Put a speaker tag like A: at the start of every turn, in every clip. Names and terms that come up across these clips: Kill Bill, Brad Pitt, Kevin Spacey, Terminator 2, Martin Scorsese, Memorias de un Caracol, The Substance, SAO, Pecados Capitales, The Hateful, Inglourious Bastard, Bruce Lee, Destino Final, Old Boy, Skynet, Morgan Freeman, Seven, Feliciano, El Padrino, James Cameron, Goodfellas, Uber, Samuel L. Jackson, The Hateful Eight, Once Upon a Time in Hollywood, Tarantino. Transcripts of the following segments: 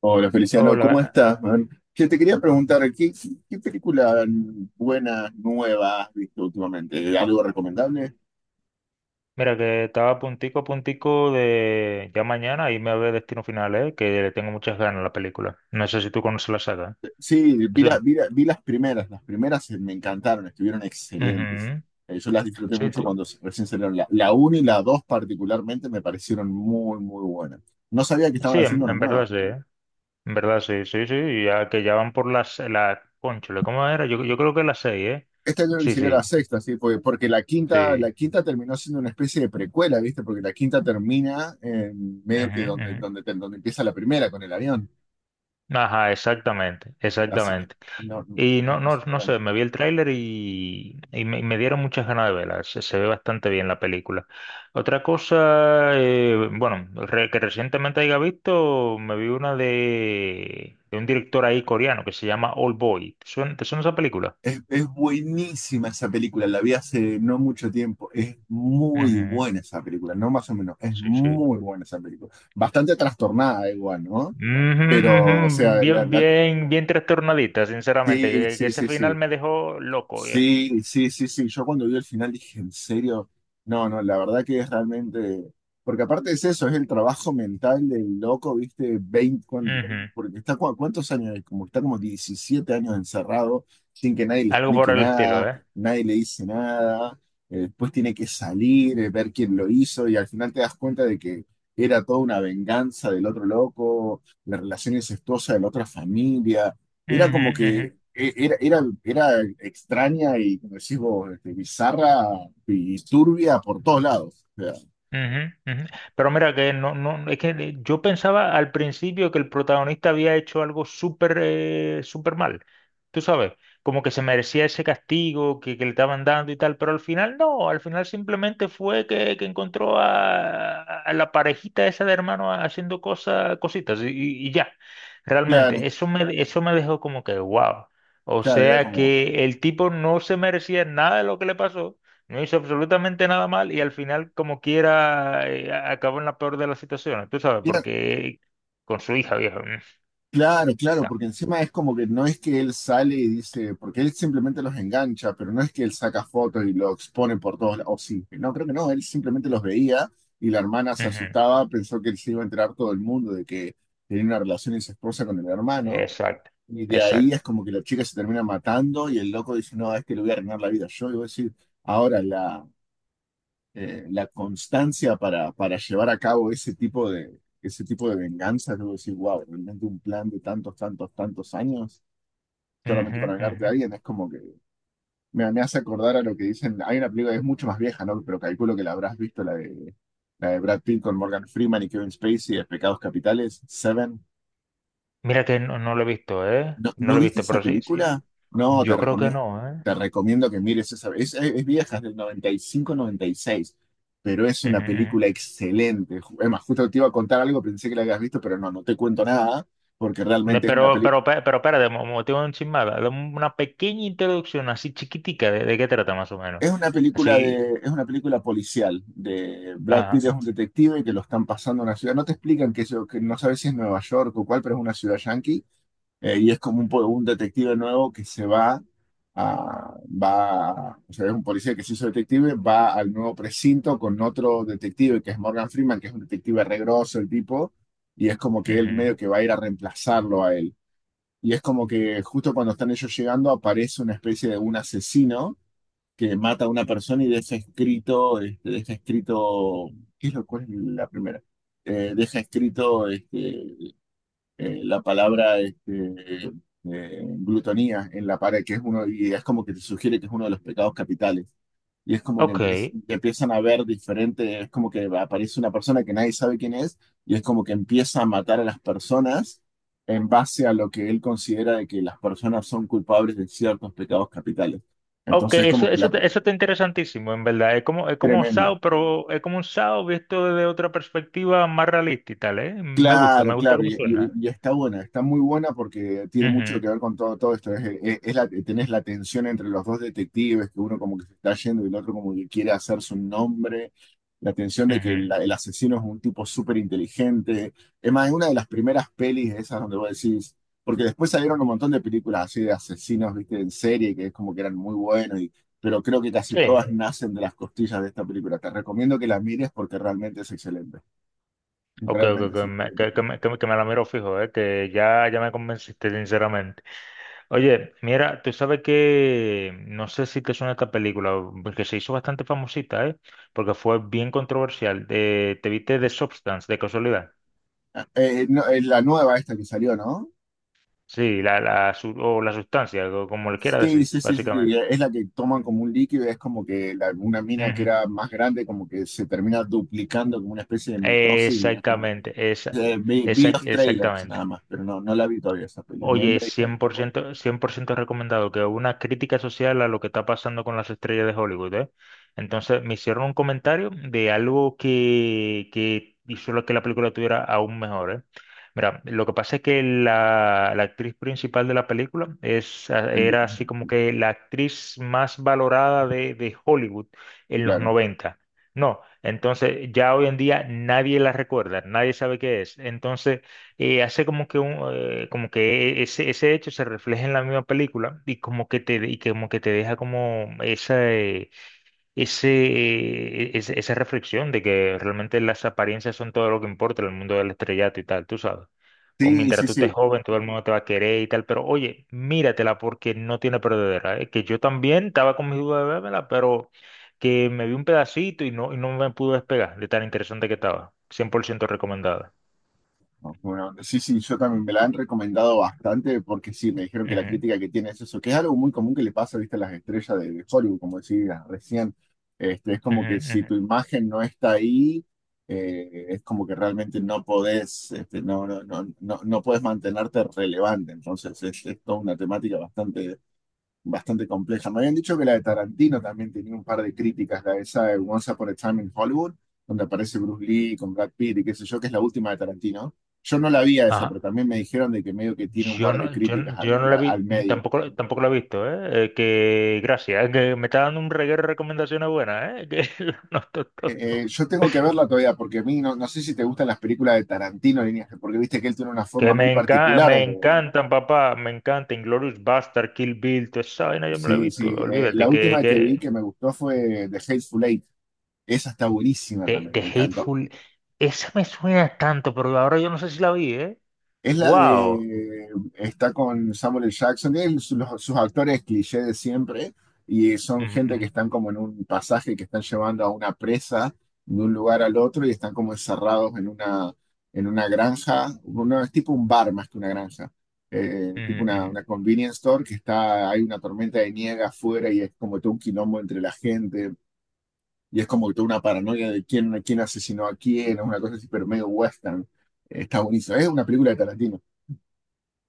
A: Hola Feliciano,
B: Hola,
A: ¿cómo estás, man? Que te quería preguntar, ¿qué película buena, nueva has visto últimamente? ¿Algo recomendable?
B: mira que estaba puntico a puntico de ya mañana irme a ver Destino Final, ¿eh? Que le tengo muchas ganas a la película. No sé si tú conoces la saga.
A: Sí, vi,
B: Sí.
A: la- vi la- vi las primeras me encantaron, estuvieron excelentes.
B: Ujú.
A: Yo las disfruté
B: Sí,
A: mucho
B: tú-
A: cuando recién salieron. La 1 y la 2 particularmente me parecieron muy, muy buenas. No sabía que estaban
B: sí,
A: haciendo
B: en,
A: una
B: en verdad
A: nueva.
B: sí, ¿eh? En verdad sí, sí, sí, ya que ya van por cónchale, ¿cómo era? Yo creo que las seis, ¿eh?
A: Este año
B: Sí,
A: sería
B: sí,
A: la sexta, sí, porque la quinta, la
B: sí.
A: quinta terminó siendo una especie de precuela, ¿viste? Porque la quinta termina en medio
B: Ujú,
A: que donde,
B: ujú.
A: donde, te donde empieza la primera con el avión.
B: Ajá, exactamente,
A: Así que
B: exactamente.
A: no, no,
B: Y no,
A: no
B: no,
A: se
B: no
A: enteran.
B: sé, me vi el tráiler y me dieron muchas ganas de verla. Se ve bastante bien la película. Otra cosa, bueno, que recientemente haya visto, me vi una de un director ahí coreano que se llama Old Boy. Te suena esa película?
A: Es buenísima esa película, la vi hace no mucho tiempo. Es muy
B: Ujú.
A: buena esa película, no más o menos, es
B: Sí, sí.
A: muy buena esa película. Bastante trastornada igual, ¿no?
B: Ujú,
A: Pero, o
B: ujú.
A: sea,
B: Bien, bien, bien trastornadita, sinceramente.
A: sí,
B: Que
A: sí,
B: ese
A: sí,
B: final
A: sí.
B: me dejó loco, viejo.
A: Sí, sí, sí, sí. Yo cuando vi el final dije, ¿en serio? No, no, la verdad que es realmente. Porque aparte es eso, es el trabajo mental del loco, ¿viste?
B: Ujú.
A: Porque está ¿cuántos años? Como está como 17 años encerrado, sin que nadie le
B: Algo por
A: explique
B: el estilo,
A: nada,
B: ¿eh?
A: nadie le dice nada. Después tiene que salir, ver quién lo hizo, y al final te das cuenta de que era toda una venganza del otro loco, la relación incestuosa de la otra familia.
B: Ujú, ujú.
A: Era extraña y, como decís vos, bizarra y turbia por todos lados. O sea,
B: Ujú, ujú. Pero mira que no, no, yo pensaba al principio que el protagonista había hecho algo súper súper mal, tú sabes, como que se merecía ese castigo que le estaban dando y tal, pero al final no, al final simplemente fue que encontró a la parejita esa de hermano haciendo cosas, cositas y ya,
A: claro,
B: realmente, eso me dejó como que wow, o
A: claro,
B: sea que el tipo no se merecía nada de lo que le pasó, no hizo absolutamente nada mal y al final, como quiera, acabó en la peor de las situaciones, tú sabes,
A: era-
B: porque con su hija, viejo.
A: claro, claro,
B: Ta-
A: porque encima es como que no es que él sale y dice, porque él simplemente los engancha, pero no es que él saca fotos y lo expone por todos lados. O sí, no, creo que no, él simplemente los veía y la hermana se
B: ujú,
A: asustaba, pensó que él se iba a enterar todo el mundo de que tenía una relación incestuosa con el hermano.
B: Exacto,
A: Y de ahí es
B: exacto.
A: como que la chica se termina matando y el loco dice, no, a este le voy a arruinar la vida yo. Y voy a decir, ahora la constancia para llevar a cabo ese tipo de venganza, yo voy a decir, wow, realmente un plan de tantos, tantos, tantos años solamente
B: Ujú,
A: para vengarte a
B: ujú.
A: alguien, es como que me hace acordar a lo que dicen, hay una película que es mucho más vieja, ¿no? Pero calculo que la habrás visto, la de Brad Pitt con Morgan Freeman y Kevin Spacey de Pecados Capitales, Seven.
B: Mira que no, no lo he visto, ¿eh?
A: ¿No,
B: No
A: no
B: lo he
A: viste
B: visto,
A: esa
B: pero sí, sí.
A: película? No, te
B: Yo creo que
A: recomiendo,
B: no, ¿eh?
A: te recomiendo que mires esa. Es vieja, es del noventa y cinco noventa y seis, pero es una
B: Ujú, ujú.
A: película excelente. Es más, justo te iba a contar algo, pensé que la habías visto, pero no, no te cuento nada, porque
B: Ne-
A: realmente es una
B: Pero,
A: película.
B: pero, pe- pero, espérate, tengo un chismada. Dame una pequeña introducción así chiquitica de qué trata más o menos. Así,
A: Es una película policial de Brad Pitt
B: ajá.
A: es un detective que lo están pasando a una ciudad. No te explican que no sabes si es Nueva York o cuál, pero es una ciudad yankee. Y es como un detective nuevo que se va, o sea, es un policía que se hizo detective, va al nuevo precinto con otro detective que es Morgan Freeman, que es un detective re grosso el tipo, y es como que él medio
B: Ujú.
A: que va a ir a reemplazarlo a él. Y es como que justo cuando están ellos llegando aparece una especie de un asesino que mata a una persona y deja escrito, deja escrito, ¿qué es lo cual es la primera? Deja escrito, la palabra, glutonía en la pared, que es uno, y es como que te sugiere que es uno de los pecados capitales. Y es como que
B: Ok.
A: empiezan a ver diferente, es como que aparece una persona que nadie sabe quién es, y es como que empieza a matar a las personas en base a lo que él considera de que las personas son culpables de ciertos pecados capitales.
B: Ok,
A: Entonces, es como
B: eso,
A: que la
B: eso está interesantísimo, en verdad. Es como un
A: tremenda.
B: SAO, pero es como un SAO visto desde otra perspectiva más realista y tal, ¿eh?
A: Claro,
B: Me gusta
A: claro,
B: cómo
A: y, y-
B: suena.
A: y está buena, está muy buena porque tiene mucho
B: Ujú,
A: que ver con todo, todo esto. Tenés la tensión entre los dos detectives, que uno como que se está yendo y el otro como que quiere hacer su nombre, la tensión de que
B: ujú.
A: el asesino es un tipo súper inteligente. Es más, es una de las primeras pelis esas donde vos decís, porque después salieron un montón de películas así de asesinos, viste, en serie, que es como que eran muy buenos, pero creo que casi
B: Sí.
A: todas nacen de las costillas de esta película. Te recomiendo que la mires porque realmente es excelente.
B: Ok, ok,
A: Realmente
B: ok,
A: es excelente.
B: que me la miro fijo, ¿eh? Que ya, ya me convenciste, sinceramente. Oye, mira, tú sabes que, no sé si te suena esta película, porque se hizo bastante famosita, ¿eh? Porque fue bien controversial. ¿Te viste The Substance, de casualidad?
A: No, es la nueva esta que salió, ¿no?
B: Sí, o la sustancia, o como le quiera
A: Sí,
B: decir,
A: sí, sí, sí,
B: básicamente.
A: sí, es la que toman como un líquido, es como que una mina que
B: Ujú.
A: era más grande, como que se termina duplicando como una especie de mitosis, y es como que,
B: Exactamente,
A: vi los trailers
B: exactamente.
A: nada más, pero no, no la vi todavía esa película.
B: Oye, cien cien por ciento recomendado, que una crítica social a lo que está pasando con las estrellas de Hollywood, ¿eh? Entonces me hicieron un comentario de algo que hizo lo que la película tuviera aún mejor, ¿eh? Mira, lo que pasa es que la actriz principal de la película es, ah, era así como que la actriz más valorada de Hollywood en los
A: Claro.
B: 90. No, entonces ya hoy en día nadie la recuerda, nadie sabe qué es. Entonces hace como que un, ese, ese hecho se refleja en la misma película y como que te, y que como que te deja como ese, esa reflexión de que realmente las apariencias son todo lo que importa en el mundo del estrellato y tal, tú sabes. O
A: Sí,
B: mientras
A: sí,
B: tú
A: sí.
B: estés joven, todo el mundo te va a querer y tal, pero oye, míratela porque no tiene perdedera, ¿eh? Que yo también estaba con mis dudas de vérmela, pero que me vi un pedacito y no me pude despegar de tan interesante que estaba. 100% recomendada.
A: Bueno, sí, sí, yo también me la han recomendado bastante porque sí, me dijeron que la
B: Ujú,
A: crítica que tiene es eso, que es algo muy común que le pasa, viste, a las estrellas de Hollywood, como decías recién. Es como
B: ujú,
A: que si tu
B: ujú.
A: imagen no está ahí, es como que realmente no podés, no podés mantenerte relevante. Entonces, es toda una temática bastante compleja. Me habían dicho que la de Tarantino también tenía un par de críticas, la de esa de Once Upon a Time in Hollywood, donde aparece Bruce Lee con Brad Pitt y qué sé yo, que es la última de Tarantino. Yo no la vi a esa, pero
B: Ajá.
A: también me dijeron de que medio que tiene un
B: Yo
A: par de
B: no,
A: críticas al,
B: yo no la
A: a- al
B: vi, mm,
A: medio.
B: tampoco, tampoco la he visto, ¿eh? Que gracias, ¿eh? Que me está dando un reguero de recomendaciones buenas, ¿eh? Que lo noto todo.
A: Yo tengo que verla todavía, porque a mí no sé si te gustan las películas de Tarantino, líneas, porque viste que él tiene una forma
B: Que
A: muy
B: me encanta,
A: particular.
B: me
A: de-
B: encantan, papá, me encanta Inglourious Bastard, Kill Bill, toda esa vaina yo me la he
A: Sí,
B: visto,
A: sí. La
B: olvídate, que,
A: última que vi
B: que
A: que me gustó fue The Hateful Eight. Esa está buenísima también,
B: The
A: me encantó.
B: Hateful, esa me suena tanto, pero ahora yo no sé si la vi, ¿eh?
A: Es la
B: Wow.
A: de, Está con Samuel L. Jackson, tiene sus actores cliché de siempre, y son gente que están como en un pasaje que están llevando a una presa de un lugar al otro y están como encerrados en una, granja, no, es tipo un bar más que una granja, tipo una convenience store, hay una tormenta de nieve afuera y es como todo un quilombo entre la gente, y es como toda una paranoia de quién asesinó a quién, es una cosa así, pero medio western. Está buenísimo, es una película de Tarantino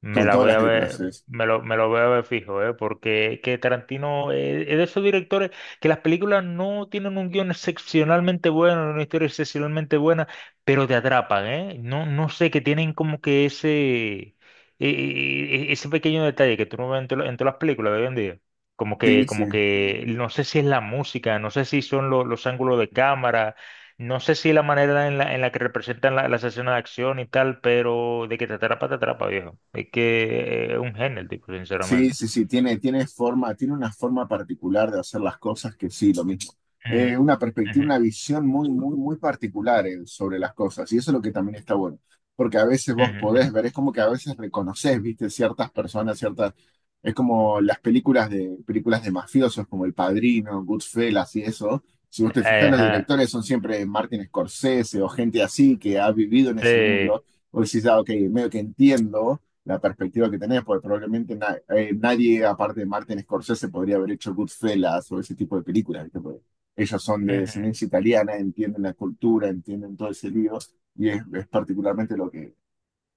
B: Me
A: con
B: la
A: todas
B: voy
A: las
B: a
A: letras
B: ver,
A: es.
B: me lo voy a ver fijo, ¿eh? Porque que Tarantino es de esos directores que las películas no tienen un guión excepcionalmente bueno, una historia excepcionalmente buena, pero te atrapan, ¿eh? No, no sé, que tienen como que ese, e- e- e- ese pequeño detalle que tú no ves en, en todas las películas de hoy en día. Como
A: Sí,
B: que,
A: sí.
B: como que, no sé si es la música, no sé si son los ángulos de cámara, no sé si la manera en la que representan la escenas de acción y tal, pero de que te atrapa, viejo. Es que es un genio el tipo,
A: Sí,
B: sinceramente.
A: sí, sí, tiene una forma particular de hacer las cosas que sí, lo mismo.
B: Ujú,
A: Una perspectiva,
B: ujú,
A: una visión muy, muy, muy particular, sobre las cosas. Y eso es lo que también está bueno. Porque a veces vos
B: ujú,
A: podés
B: ujú.
A: ver, es como que a veces reconoces, viste, ciertas personas, ciertas. Es como las películas de mafiosos, como El Padrino, Goodfellas y eso. Si vos te fijas, los
B: Ajá,
A: directores son siempre Martin Scorsese o gente así que ha vivido en ese
B: sí,
A: mundo. Vos decís, ah, ok, medio que entiendo la perspectiva que tenés, porque probablemente nadie, aparte de Martin Scorsese, podría haber hecho Goodfellas o ese tipo de películas, ¿viste? Porque ellos son de
B: ujú.
A: descendencia italiana, entienden la cultura, entienden todo ese lío, y es particularmente lo que,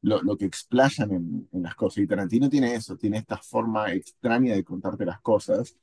A: lo, lo que explayan en las cosas. Y Tarantino tiene eso, tiene esta forma extraña de contarte las cosas.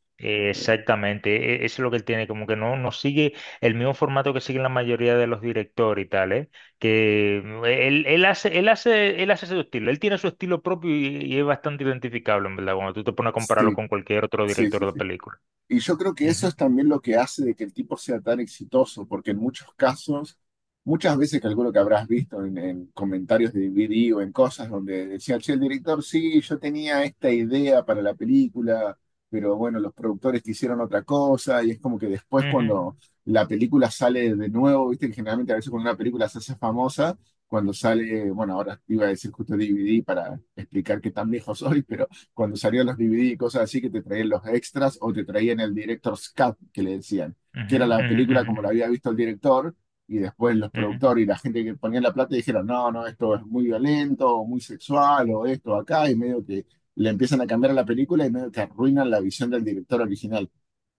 A: Eh,
B: Exactamente, eso es lo que él tiene, como que no, no sigue el mismo formato que siguen la mayoría de los directores y tal, ¿eh? Que mm, él hace su estilo, él tiene su estilo propio y es bastante identificable, en verdad, cuando tú te pones a compararlo
A: sí,
B: con cualquier otro
A: sí, sí,
B: director de
A: sí.
B: película.
A: Y yo creo que eso
B: Ujú.
A: es también lo que hace de que el tipo sea tan exitoso, porque en muchos casos, muchas veces calculo que habrás visto en comentarios de DVD o en cosas donde decía, che, el director, sí, yo tenía esta idea para la película, pero bueno, los productores quisieron otra cosa, y es como que después
B: Ujú.
A: cuando la película sale de nuevo, viste que generalmente a veces cuando una película se hace famosa, cuando sale, bueno, ahora iba a decir justo DVD para explicar qué tan viejo soy, pero cuando salían los DVD y cosas así, que te traían los extras o te traían el director's cut, que le decían, que
B: Ujú,
A: era la
B: ujú,
A: película como la
B: ujú,
A: había visto el director, y después los
B: ujú,
A: productores y la gente que ponía la plata dijeron, no, no, esto es muy violento, o muy sexual, o esto acá, y medio que le empiezan a cambiar a la película y medio que arruinan la visión del director original.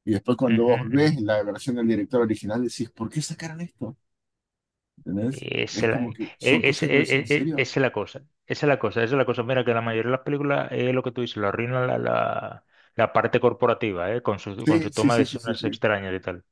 A: Y después cuando
B: ujú,
A: vos
B: ujú.
A: ves la versión del director original decís, ¿por qué sacaron esto? ¿Entendés? Es
B: Esa es la,
A: como
B: e-
A: que son
B: e, ese-
A: cosas que vos
B: e-
A: decís, ¿en
B: e- e-
A: serio?
B: esa es la cosa, esa es la cosa, esa es la cosa. Mira que la mayoría de las películas es lo que tú dices, lo arruinan la parte corporativa, ¿eh? Con
A: Sí,
B: su
A: sí,
B: toma de
A: sí, sí, sí,
B: decisiones
A: sí.
B: extrañas y tal.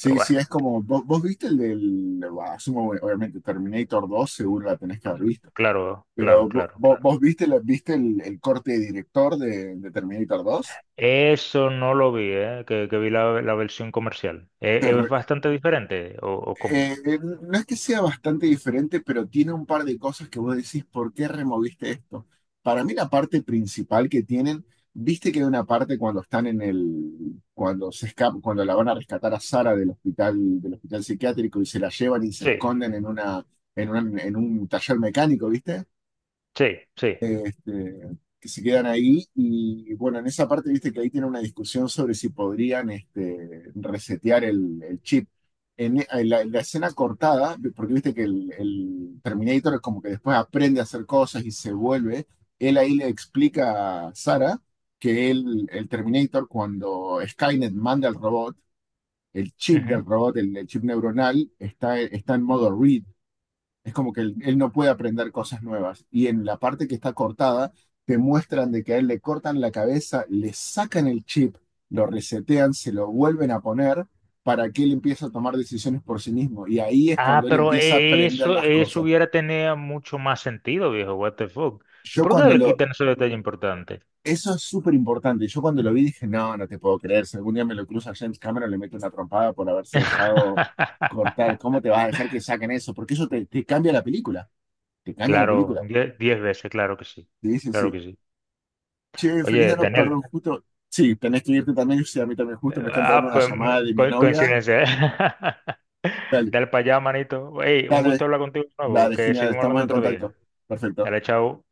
B: Pero bueno,
A: sí, es como, vos viste el del, bah, asumo, obviamente, Terminator 2, seguro la tenés que haber visto,
B: claro, claro,
A: pero vos,
B: claro,
A: vos,
B: claro.
A: vos viste, la- viste el corte de director de Terminator 2?
B: Eso no lo vi, ¿eh? Que vi la versión comercial. ¿E- ¿Es, bastante diferente o cómo?
A: No es que sea bastante diferente, pero tiene un par de cosas que vos decís, ¿por qué removiste esto? Para mí la parte principal que tienen, viste que hay una parte cuando están cuando se escapan, cuando la van a rescatar a Sara del hospital psiquiátrico y se la llevan y se
B: Sí,
A: esconden en un taller mecánico, ¿viste?
B: sí, sí.
A: Que se quedan ahí. Y bueno, en esa parte, viste que ahí tiene una discusión sobre si podrían resetear el chip. En la escena cortada, porque viste que el Terminator es como que después aprende a hacer cosas él ahí le explica a Sarah que él, el Terminator, cuando Skynet manda al robot, el chip del robot, el chip neuronal, está en modo read, es como que él no puede aprender cosas nuevas. Y en la parte que está cortada, te muestran de que a él le cortan la cabeza, le sacan el chip, lo resetean, se lo vuelven a poner para que él empiece a tomar decisiones por sí mismo. Y ahí es
B: Ah,
A: cuando él
B: pero
A: empieza a aprender
B: eso,
A: las
B: eso
A: cosas.
B: hubiera tenido mucho más sentido, viejo. What the fuck. ¿Y
A: Yo
B: por qué no
A: cuando
B: le
A: lo...
B: quitan ese detalle importante?
A: Eso es súper importante. Yo cuando lo vi dije, no, no te puedo creer. Si algún día me lo cruza James Cameron, le meto una trompada por haberse dejado cortar. ¿Cómo te vas a dejar que saquen eso? Porque eso te cambia la película. Te cambia la
B: Claro,
A: película.
B: 10 veces, claro que sí.
A: Sí, sí,
B: Claro
A: sí.
B: que sí.
A: Che, feliz día
B: Oye,
A: a
B: Daniel.
A: los justo. Sí, tenés que irte también, sí, a mí también, justo me está entrando
B: Ah,
A: una
B: pues
A: llamada de mi
B: co-
A: novia.
B: coincidencia.
A: Dale,
B: Dale para allá, manito. Ey, un
A: dale,
B: gusto hablar contigo de nuevo,
A: dale,
B: que
A: genial,
B: seguimos
A: estamos
B: hablando
A: en
B: otro
A: contacto.
B: día.
A: Perfecto.
B: Dale, chao.